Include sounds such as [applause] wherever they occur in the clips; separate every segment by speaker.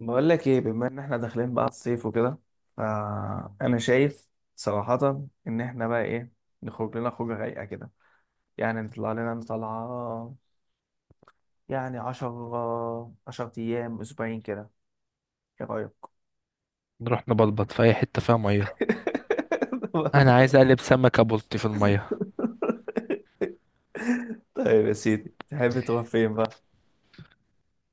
Speaker 1: بقول لك ايه، بما ان احنا داخلين بقى على الصيف وكده، فانا شايف صراحة ان احنا بقى ايه نخرج لنا خروجة رايقة كده. يعني نطلع لنا طلعة. يعني 10 ايام، اسبوعين كده. ايه رأيك؟
Speaker 2: نروح نبلبط في اي حته فيها ميه.
Speaker 1: [laughs] والله.
Speaker 2: انا عايز اقلب سمكه بلطي في الميه.
Speaker 1: طيب يا سيدي، تحب تروح فين بقى؟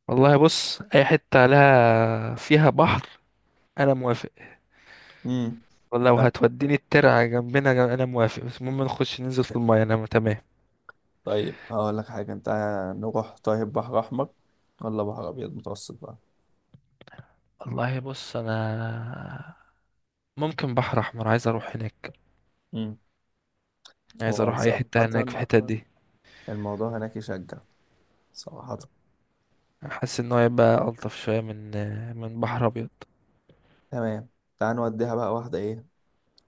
Speaker 2: والله بص اي حته لها فيها بحر انا موافق.
Speaker 1: امم
Speaker 2: والله وهتوديني الترعه جنبنا جنب، انا موافق بس المهم نخش ننزل في الميه انا تمام.
Speaker 1: طيب، هقول لك حاجة انت. نروح طيب بحر احمر ولا بحر ابيض متوسط بقى؟
Speaker 2: والله بص انا ممكن بحر احمر، عايز اروح هناك،
Speaker 1: امم
Speaker 2: عايز
Speaker 1: هو
Speaker 2: اروح اي
Speaker 1: صراحة
Speaker 2: حته هناك في الحته دي.
Speaker 1: الموضوع هناك يشجع، صراحة.
Speaker 2: حاسس ان هو يبقى الطف شويه من بحر ابيض.
Speaker 1: تمام. تعال نوديها بقى واحدة. إيه،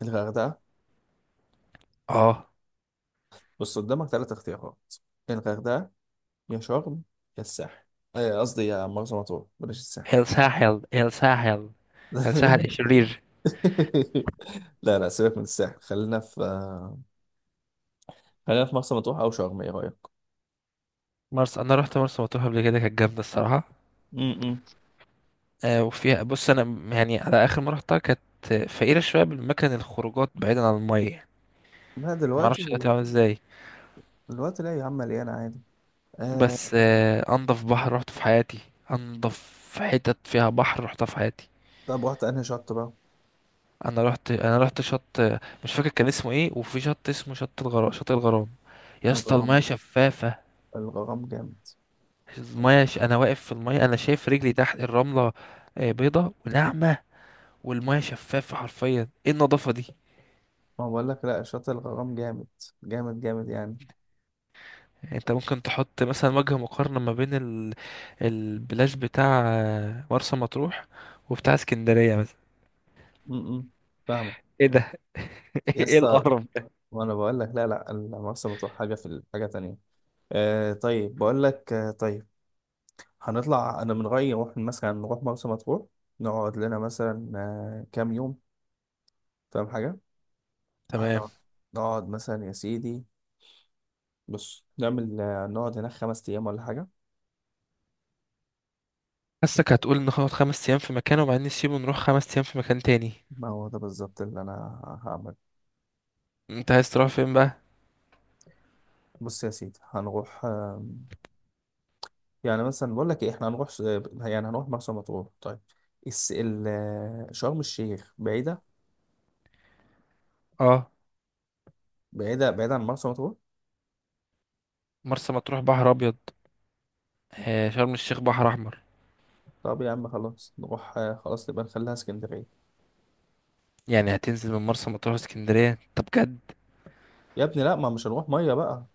Speaker 1: الغردقة.
Speaker 2: اه.
Speaker 1: بص قدامك 3 اختيارات: يا الغردقة، يا شرم، يا الساحل. إيه، قصدي يا مرسى مطروح، بلاش الساحل.
Speaker 2: الساحل، الساحل. الساحل
Speaker 1: [laughs]
Speaker 2: الشرير.
Speaker 1: لا لا، سيبك من الساحل. خلينا في مرسى مطروح أو شرم. إيه رأيك؟
Speaker 2: مرسى، انا رحت مرسى مطروح قبل كده كانت جامده الصراحه.
Speaker 1: امم
Speaker 2: وفيها بص انا يعني على اخر مره رحتها كانت فقيره شويه بالمكان، الخروجات بعيدا عن الميه.
Speaker 1: ما
Speaker 2: ما اعرفش دلوقتي
Speaker 1: دلوقتي.
Speaker 2: عامل ازاي.
Speaker 1: دلوقتي لا يا عم، مليانة عادي. آه...
Speaker 2: بس انضف بحر رحته في حياتي، انضف حتت فيها بحر رحتها في حياتي.
Speaker 1: طب رحت أنهي شط بقى؟
Speaker 2: انا رحت شط، مش فاكر كان اسمه ايه، وفي شط اسمه شط الغرام، شط الغرام. يا اسطى
Speaker 1: الغرام.
Speaker 2: الميه شفافه.
Speaker 1: الغرام جامد.
Speaker 2: انا واقف في الميه انا شايف رجلي تحت الرمله، بيضه وناعمه، والميه شفافه حرفيا. ايه النظافه دي.
Speaker 1: ما بقول لك لا، شط الغرام جامد، جامد جامد يعني.
Speaker 2: يعني انت ممكن تحط مثلا وجه مقارنة ما بين البلاش بتاع مرسى مطروح وبتاع اسكندرية مثلا؟
Speaker 1: امم فاهمة.
Speaker 2: ايه ده، [laughs] ايه
Speaker 1: يس.
Speaker 2: القرف ده.
Speaker 1: وانا بقول لك لا لا، المرسى مطروح حاجه حاجه تانية. طيب، بقول لك. طيب، هنطلع. انا من رايي نروح مثلا، نروح مرسى مطروح. نقعد لنا مثلا كام يوم. فاهم حاجه؟
Speaker 2: تمام.
Speaker 1: هنقعد نقعد مثلا يا سيدي. بص نعمل آه، نقعد هناك 5 ايام ولا حاجه.
Speaker 2: حاسك هتقول ان هنقعد خمس ايام في مكان وبعدين نسيبه نروح خمس ايام في مكان تاني.
Speaker 1: ما هو ده بالظبط اللي انا هعمل.
Speaker 2: انت عايز تروح فين بقى؟
Speaker 1: بص يا سيدي، هنروح آه يعني مثلا بقول لك ايه، احنا يعني هنروح مرسى مطروح طيب. شرم الشيخ بعيده،
Speaker 2: اه.
Speaker 1: بعيده بعيده عن مرسى مطروح.
Speaker 2: مرسى مطروح بحر ابيض، آه شرم الشيخ بحر احمر.
Speaker 1: طب يا عم خلاص نروح آه، خلاص نبقى نخليها اسكندرية.
Speaker 2: يعني هتنزل من مرسى مطروح اسكندرية؟ طب بجد،
Speaker 1: يا ابني لا، ما مش هنروح مية بقى.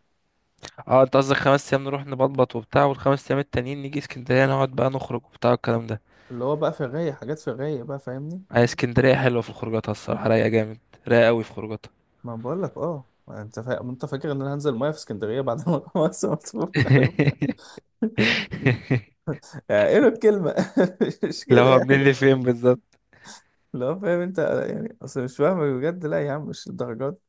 Speaker 2: اه انت قصدك خمس ايام نروح نبطبط وبتاع، والخمس ايام التانيين نيجي اسكندرية نقعد بقى نخرج وبتاع الكلام ده.
Speaker 1: اللي هو بقى في الرايق، حاجات في الرايق بقى، فاهمني.
Speaker 2: هي اسكندرية حلوة في خروجاتها الصراحة، رايقة جامد، رايقة أوي في خروجاتها.
Speaker 1: ما بقول لك اه، ما انت فاكر ان انا هنزل ميه في اسكندريه بعد ما [laughs] خلاص مطفوح.
Speaker 2: [laughs]
Speaker 1: يعني ايه له الكلمه. [laughs] مش
Speaker 2: لو
Speaker 1: كده
Speaker 2: هو منين
Speaker 1: يعني.
Speaker 2: لفين بالظبط.
Speaker 1: لو فاهم انت. يعني اصل مش فاهم بجد. لا يا عم، مش الدرجات.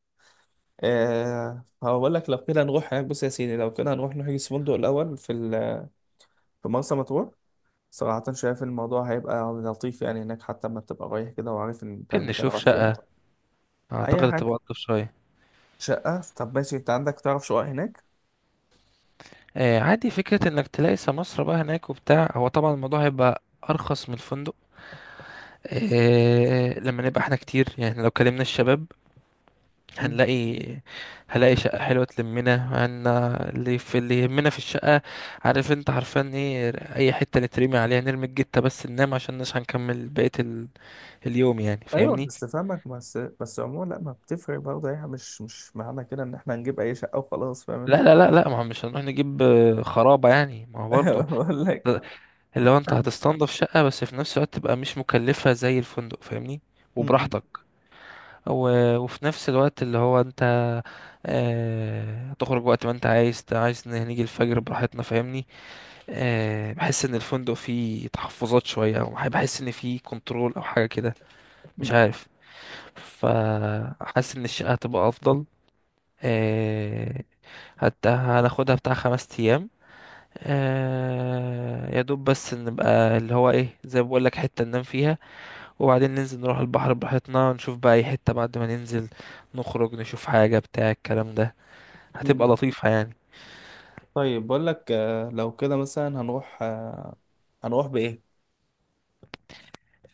Speaker 1: هقول لك لو كده نروح هناك. بص يا سيدي، لو كده هنروح نحجز فندق الاول في مرسى مطروح. صراحه شايف الموضوع هيبقى لطيف يعني هناك. حتى ما تبقى رايح كده، وعارف ان انت
Speaker 2: ممكن
Speaker 1: المكان
Speaker 2: نشوف
Speaker 1: رايح
Speaker 2: شقة،
Speaker 1: فين. اي
Speaker 2: أعتقد تبقى
Speaker 1: حاجه.
Speaker 2: ألطف شوية.
Speaker 1: شقه؟ طب ماشي، انت عندك تعرف شقق هناك؟
Speaker 2: آه عادي، فكرة إنك تلاقي سمسرة بقى هناك وبتاع، هو طبعا الموضوع هيبقى أرخص من الفندق. آه لما نبقى احنا كتير، يعني لو كلمنا الشباب
Speaker 1: مم.
Speaker 2: هنلاقي، هلاقي شقة حلوة تلمنا هن. اللي في اللي يهمنا في الشقة، عارف انت عارفان ايه، اي حتة نترمي عليها نرمي الجتة بس ننام عشان مش هنكمل بقية اليوم يعني،
Speaker 1: ايوه،
Speaker 2: فاهمني.
Speaker 1: بس فاهمك. بس عموما لا، ما بتفرق برضه ايه. مش معنى كده ان احنا هنجيب اي شقه وخلاص، فاهم
Speaker 2: لا
Speaker 1: انت.
Speaker 2: لا لا لا، ما هو مش هنروح نجيب خرابة يعني، ما هو برضه
Speaker 1: [laughs] بقول لك.
Speaker 2: ده- اللي هو انت هتستنضف شقة بس في نفس الوقت تبقى مش مكلفة زي الفندق، فاهمني،
Speaker 1: م- م-
Speaker 2: وبراحتك. وفي نفس الوقت اللي هو انت هتخرج وقت ما انت عايز، عايز نيجي الفجر براحتنا، فاهمني. بحس ان الفندق فيه تحفظات شويه، او بحس ان فيه كنترول او حاجه كده، مش
Speaker 1: م-
Speaker 2: عارف. فحاسس ان الشقه هتبقى افضل. آه، هناخدها بتاع خمس ايام. يا دوب بس نبقى اللي هو ايه زي ما بقول لك، حته ننام فيها، وبعدين ننزل نروح البحر براحتنا نشوف بقى اي حته، بعد ما ننزل نخرج نشوف حاجه بتاع الكلام ده، هتبقى
Speaker 1: م-
Speaker 2: لطيفه يعني.
Speaker 1: طيب بقول لك لو كده مثلا هنروح هنروح بايه.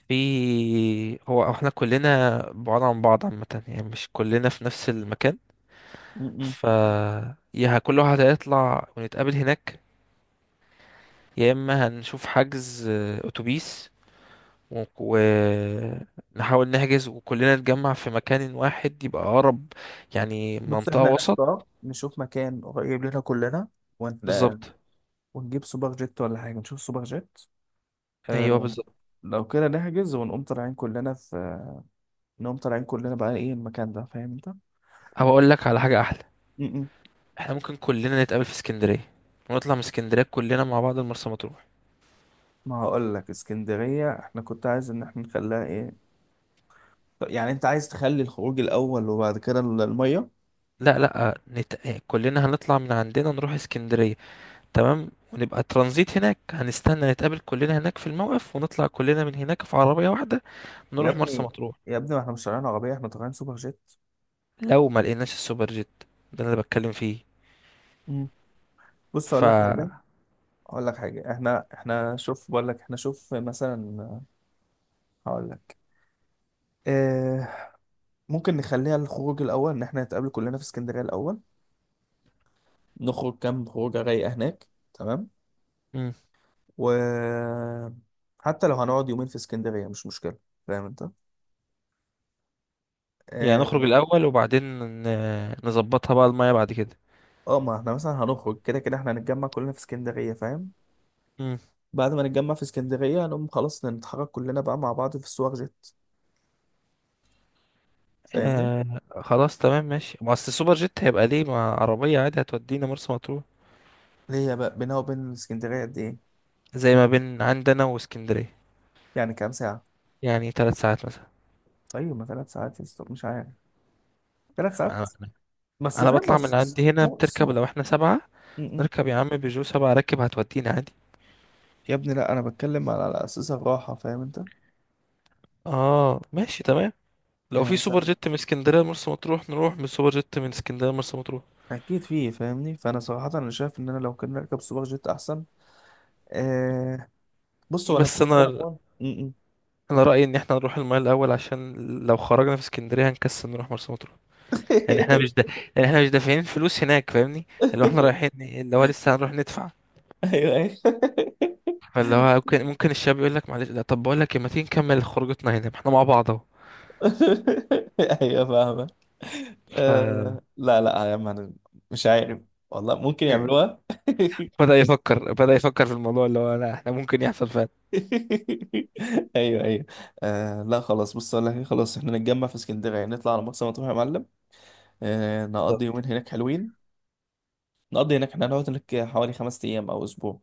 Speaker 2: في هو احنا كلنا بعاد عن بعض عامه، يعني مش كلنا في نفس المكان.
Speaker 1: م- م.
Speaker 2: ف يا كل واحد هيطلع ونتقابل هناك، يا اما هنشوف حجز اتوبيس ونحاول نحجز وكلنا نتجمع في مكان واحد يبقى اقرب، يعني
Speaker 1: بص
Speaker 2: منطقة
Speaker 1: احنا
Speaker 2: وسط.
Speaker 1: هنختار نشوف مكان قريب لنا كلنا، ون... آه،
Speaker 2: بالظبط.
Speaker 1: ونجيب سوبر جيت ولا حاجه. نشوف سوبر جيت.
Speaker 2: ايوه
Speaker 1: آه،
Speaker 2: بالظبط.
Speaker 1: لو كده نحجز ونقوم طالعين كلنا في انهم طالعين كلنا بقى. ايه المكان ده، فاهم انت.
Speaker 2: او اقول لك على حاجة احلى،
Speaker 1: م-م.
Speaker 2: احنا ممكن كلنا نتقابل في اسكندرية، ونطلع من اسكندرية كلنا مع بعض المرسى مطروح.
Speaker 1: ما هقول لك اسكندرية، احنا كنت عايز ان احنا نخليها ايه. طب يعني انت عايز تخلي الخروج الاول وبعد كده المية.
Speaker 2: لا لا كلنا هنطلع من عندنا نروح اسكندرية، تمام، ونبقى ترانزيت هناك، هنستنى نتقابل كلنا هناك في الموقف، ونطلع كلنا من هناك في عربية واحدة
Speaker 1: يا
Speaker 2: نروح مرسى
Speaker 1: ابني،
Speaker 2: مطروح.
Speaker 1: يا ابني، ما احنا مش طالعين عربية، احنا طالعين سوبر جيت.
Speaker 2: لو ما لقيناش السوبر جيت، ده اللي أنا بتكلم فيه.
Speaker 1: م. بص
Speaker 2: ف
Speaker 1: اقول لك حاجة. احنا شوف، بقول لك احنا شوف مثلا، هقول لك. اه، ممكن نخليها الخروج الاول ان احنا نتقابل كلنا في اسكندرية الاول. نخرج كام خروجة رايقة هناك، تمام.
Speaker 2: مم.
Speaker 1: وحتى لو هنقعد يومين في اسكندرية مش مشكلة، فاهم انت.
Speaker 2: يعني
Speaker 1: اه
Speaker 2: نخرج الأول وبعدين نظبطها بقى المية بعد كده.
Speaker 1: ما احنا مثلا هنخرج كده كده، احنا هنتجمع كلنا في اسكندرية، فاهم.
Speaker 2: مم.
Speaker 1: بعد ما نتجمع في اسكندرية هنقوم خلاص نتحرك كلنا بقى مع بعض في السوق جيت، فاهمني.
Speaker 2: آه خلاص تمام ماشي، ما أصل السوبر جيت هيبقى ليه مع عربية عادي هتودينا مرسى مطروح.
Speaker 1: هي بقى بينها وبين اسكندرية قد ايه؟
Speaker 2: زي ما بين عندنا واسكندرية.
Speaker 1: يعني كام ساعة؟
Speaker 2: يعني ثلاث ساعات مثلا.
Speaker 1: طيب ما 3 ساعات يا اسطى، مش عارف. 3 ساعات.
Speaker 2: أنا،
Speaker 1: بس
Speaker 2: أنا
Speaker 1: فاهم،
Speaker 2: بطلع
Speaker 1: بس
Speaker 2: من عندي هنا
Speaker 1: السوق
Speaker 2: بتركب
Speaker 1: السوق.
Speaker 2: لو احنا سبعة،
Speaker 1: م- م.
Speaker 2: نركب يا عم بيجو سبعة راكب هتودينا عادي.
Speaker 1: يا ابني لا، انا بتكلم على اساس الراحة، فاهم انت.
Speaker 2: اه ماشي تمام. لو
Speaker 1: يعني
Speaker 2: في
Speaker 1: مثلا
Speaker 2: سوبر جيت من اسكندريه لمرسى مطروح نروح من سوبر جيت من اسكندريه لمرسى مطروح.
Speaker 1: اكيد فيه، فاهمني. فانا صراحة انا شايف ان انا لو كنا نركب سوبر جيت احسن. آه [laughs] بص، هو انا في
Speaker 2: بس
Speaker 1: حاجه انا
Speaker 2: انا،
Speaker 1: كمان. م- م.
Speaker 2: انا رايي ان احنا نروح المايه الاول، عشان لو خرجنا في اسكندريه هنكسل نروح مرسى مطروح. لان احنا مش دا...
Speaker 1: [laughs]
Speaker 2: لان احنا مش دافعين فلوس هناك، فاهمني، اللي هو احنا رايحين اللي هو لسه هنروح ندفع.
Speaker 1: ايوه ايوه.
Speaker 2: فاللي هو ممكن الشاب يقول لك معلش، لا طب بقول لك إيه، ما تيجي نكمل خروجتنا هنا، ما احنا مع بعض اهو.
Speaker 1: [laughs] ايوه، فاهمك.
Speaker 2: ف
Speaker 1: آه، لا لا يا عم، انا مش عارف. والله ممكن
Speaker 2: [laughs]
Speaker 1: يعملوها. [laughs]
Speaker 2: بدأ يفكر في الموضوع اللي هو لا احنا ممكن يحصل فعلا.
Speaker 1: ايوه ايوه. آه، لا خلاص، بص اقول لك إيه، خلاص احنا نتجمع في اسكندريه، نطلع على مرسى مطروح يا معلم. آه، نقضي
Speaker 2: بالظبط.
Speaker 1: يومين هناك حلوين. نقضي هناك. احنا هنقعد هناك حوالي 5 ايام او اسبوع.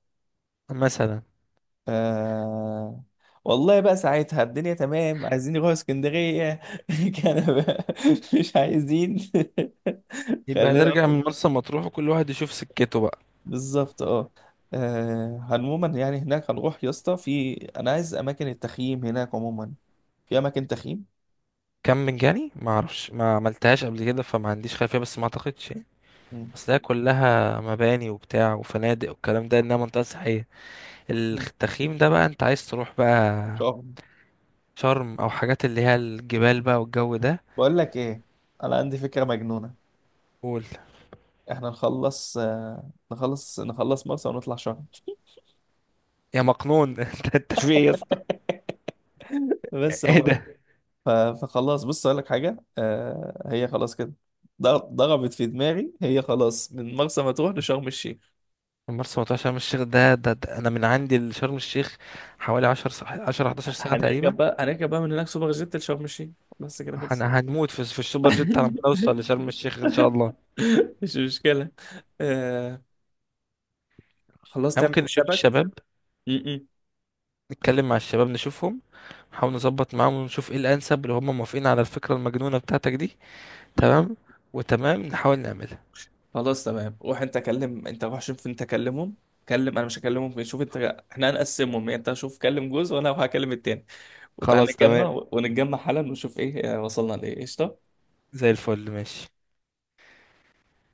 Speaker 2: مثلا.
Speaker 1: آه والله بقى ساعتها الدنيا تمام، عايزين يروحوا اسكندرية. [laughs] كان بقى. مش عايزين. [laughs]
Speaker 2: يبقى
Speaker 1: خلينا.
Speaker 2: نرجع من مرسى مطروح وكل واحد يشوف سكته بقى.
Speaker 1: بالظبط. عموما يعني هناك هنروح يا اسطى. في، انا عايز اماكن التخييم هناك عموما. في اماكن تخييم؟
Speaker 2: كم مجاني، ما اعرفش، ما عملتهاش قبل كده فما عنديش خلفيه، بس ما اعتقدش يعني،
Speaker 1: مم.
Speaker 2: اصل هي كلها مباني وبتاع وفنادق والكلام ده، انها منطقه سياحيه.
Speaker 1: مم.
Speaker 2: التخييم ده بقى انت عايز تروح بقى
Speaker 1: شرم.
Speaker 2: شرم او حاجات اللي هي الجبال بقى والجو ده.
Speaker 1: بقول لك ايه، انا عندي فكرة مجنونة.
Speaker 2: قول.
Speaker 1: احنا نخلص مرسى، ونطلع شرم.
Speaker 2: يا مقنون [laughs] انت انت في ايه يا اسطى؟
Speaker 1: [laughs] بس.
Speaker 2: ايه ده.
Speaker 1: ف- فخلاص، بص اقول لك حاجه. هي خلاص كده. ض- ضربت في دماغي. هي خلاص، من مرسى مطروح لشرم الشيخ.
Speaker 2: مرسى مطروح شرم الشيخ، ده انا من عندي لشرم الشيخ حوالي 10 11 ساعه تقريبا.
Speaker 1: هنركب بقى من هناك سوبر جيت لشرم الشيخ. بس كده، خلص.
Speaker 2: هنموت في السوبر
Speaker 1: [laughs]
Speaker 2: جيت على ما نوصل لشرم الشيخ ان شاء الله.
Speaker 1: مش مشكلة. آه خلاص،
Speaker 2: احنا
Speaker 1: تعمل
Speaker 2: ممكن نشوف
Speaker 1: حسابك.
Speaker 2: الشباب،
Speaker 1: م- م-
Speaker 2: نتكلم مع الشباب نشوفهم، نحاول نظبط معاهم ونشوف ايه الانسب، اللي هم موافقين على الفكرة المجنونة بتاعتك دي.
Speaker 1: م.
Speaker 2: تمام، وتمام نحاول نعملها.
Speaker 1: خلاص تمام. روح انت كلم، انت روح شوف، انت كلمهم. انا مش هكلمهم، شوف انت. احنا هنقسمهم يعني. انت شوف كلم جوز، وانا هكلم التاني. وتعال
Speaker 2: خلاص تمام،
Speaker 1: نتجمع حالا، ونشوف ايه وصلنا لايه، قشطة.
Speaker 2: زي الفل ماشي.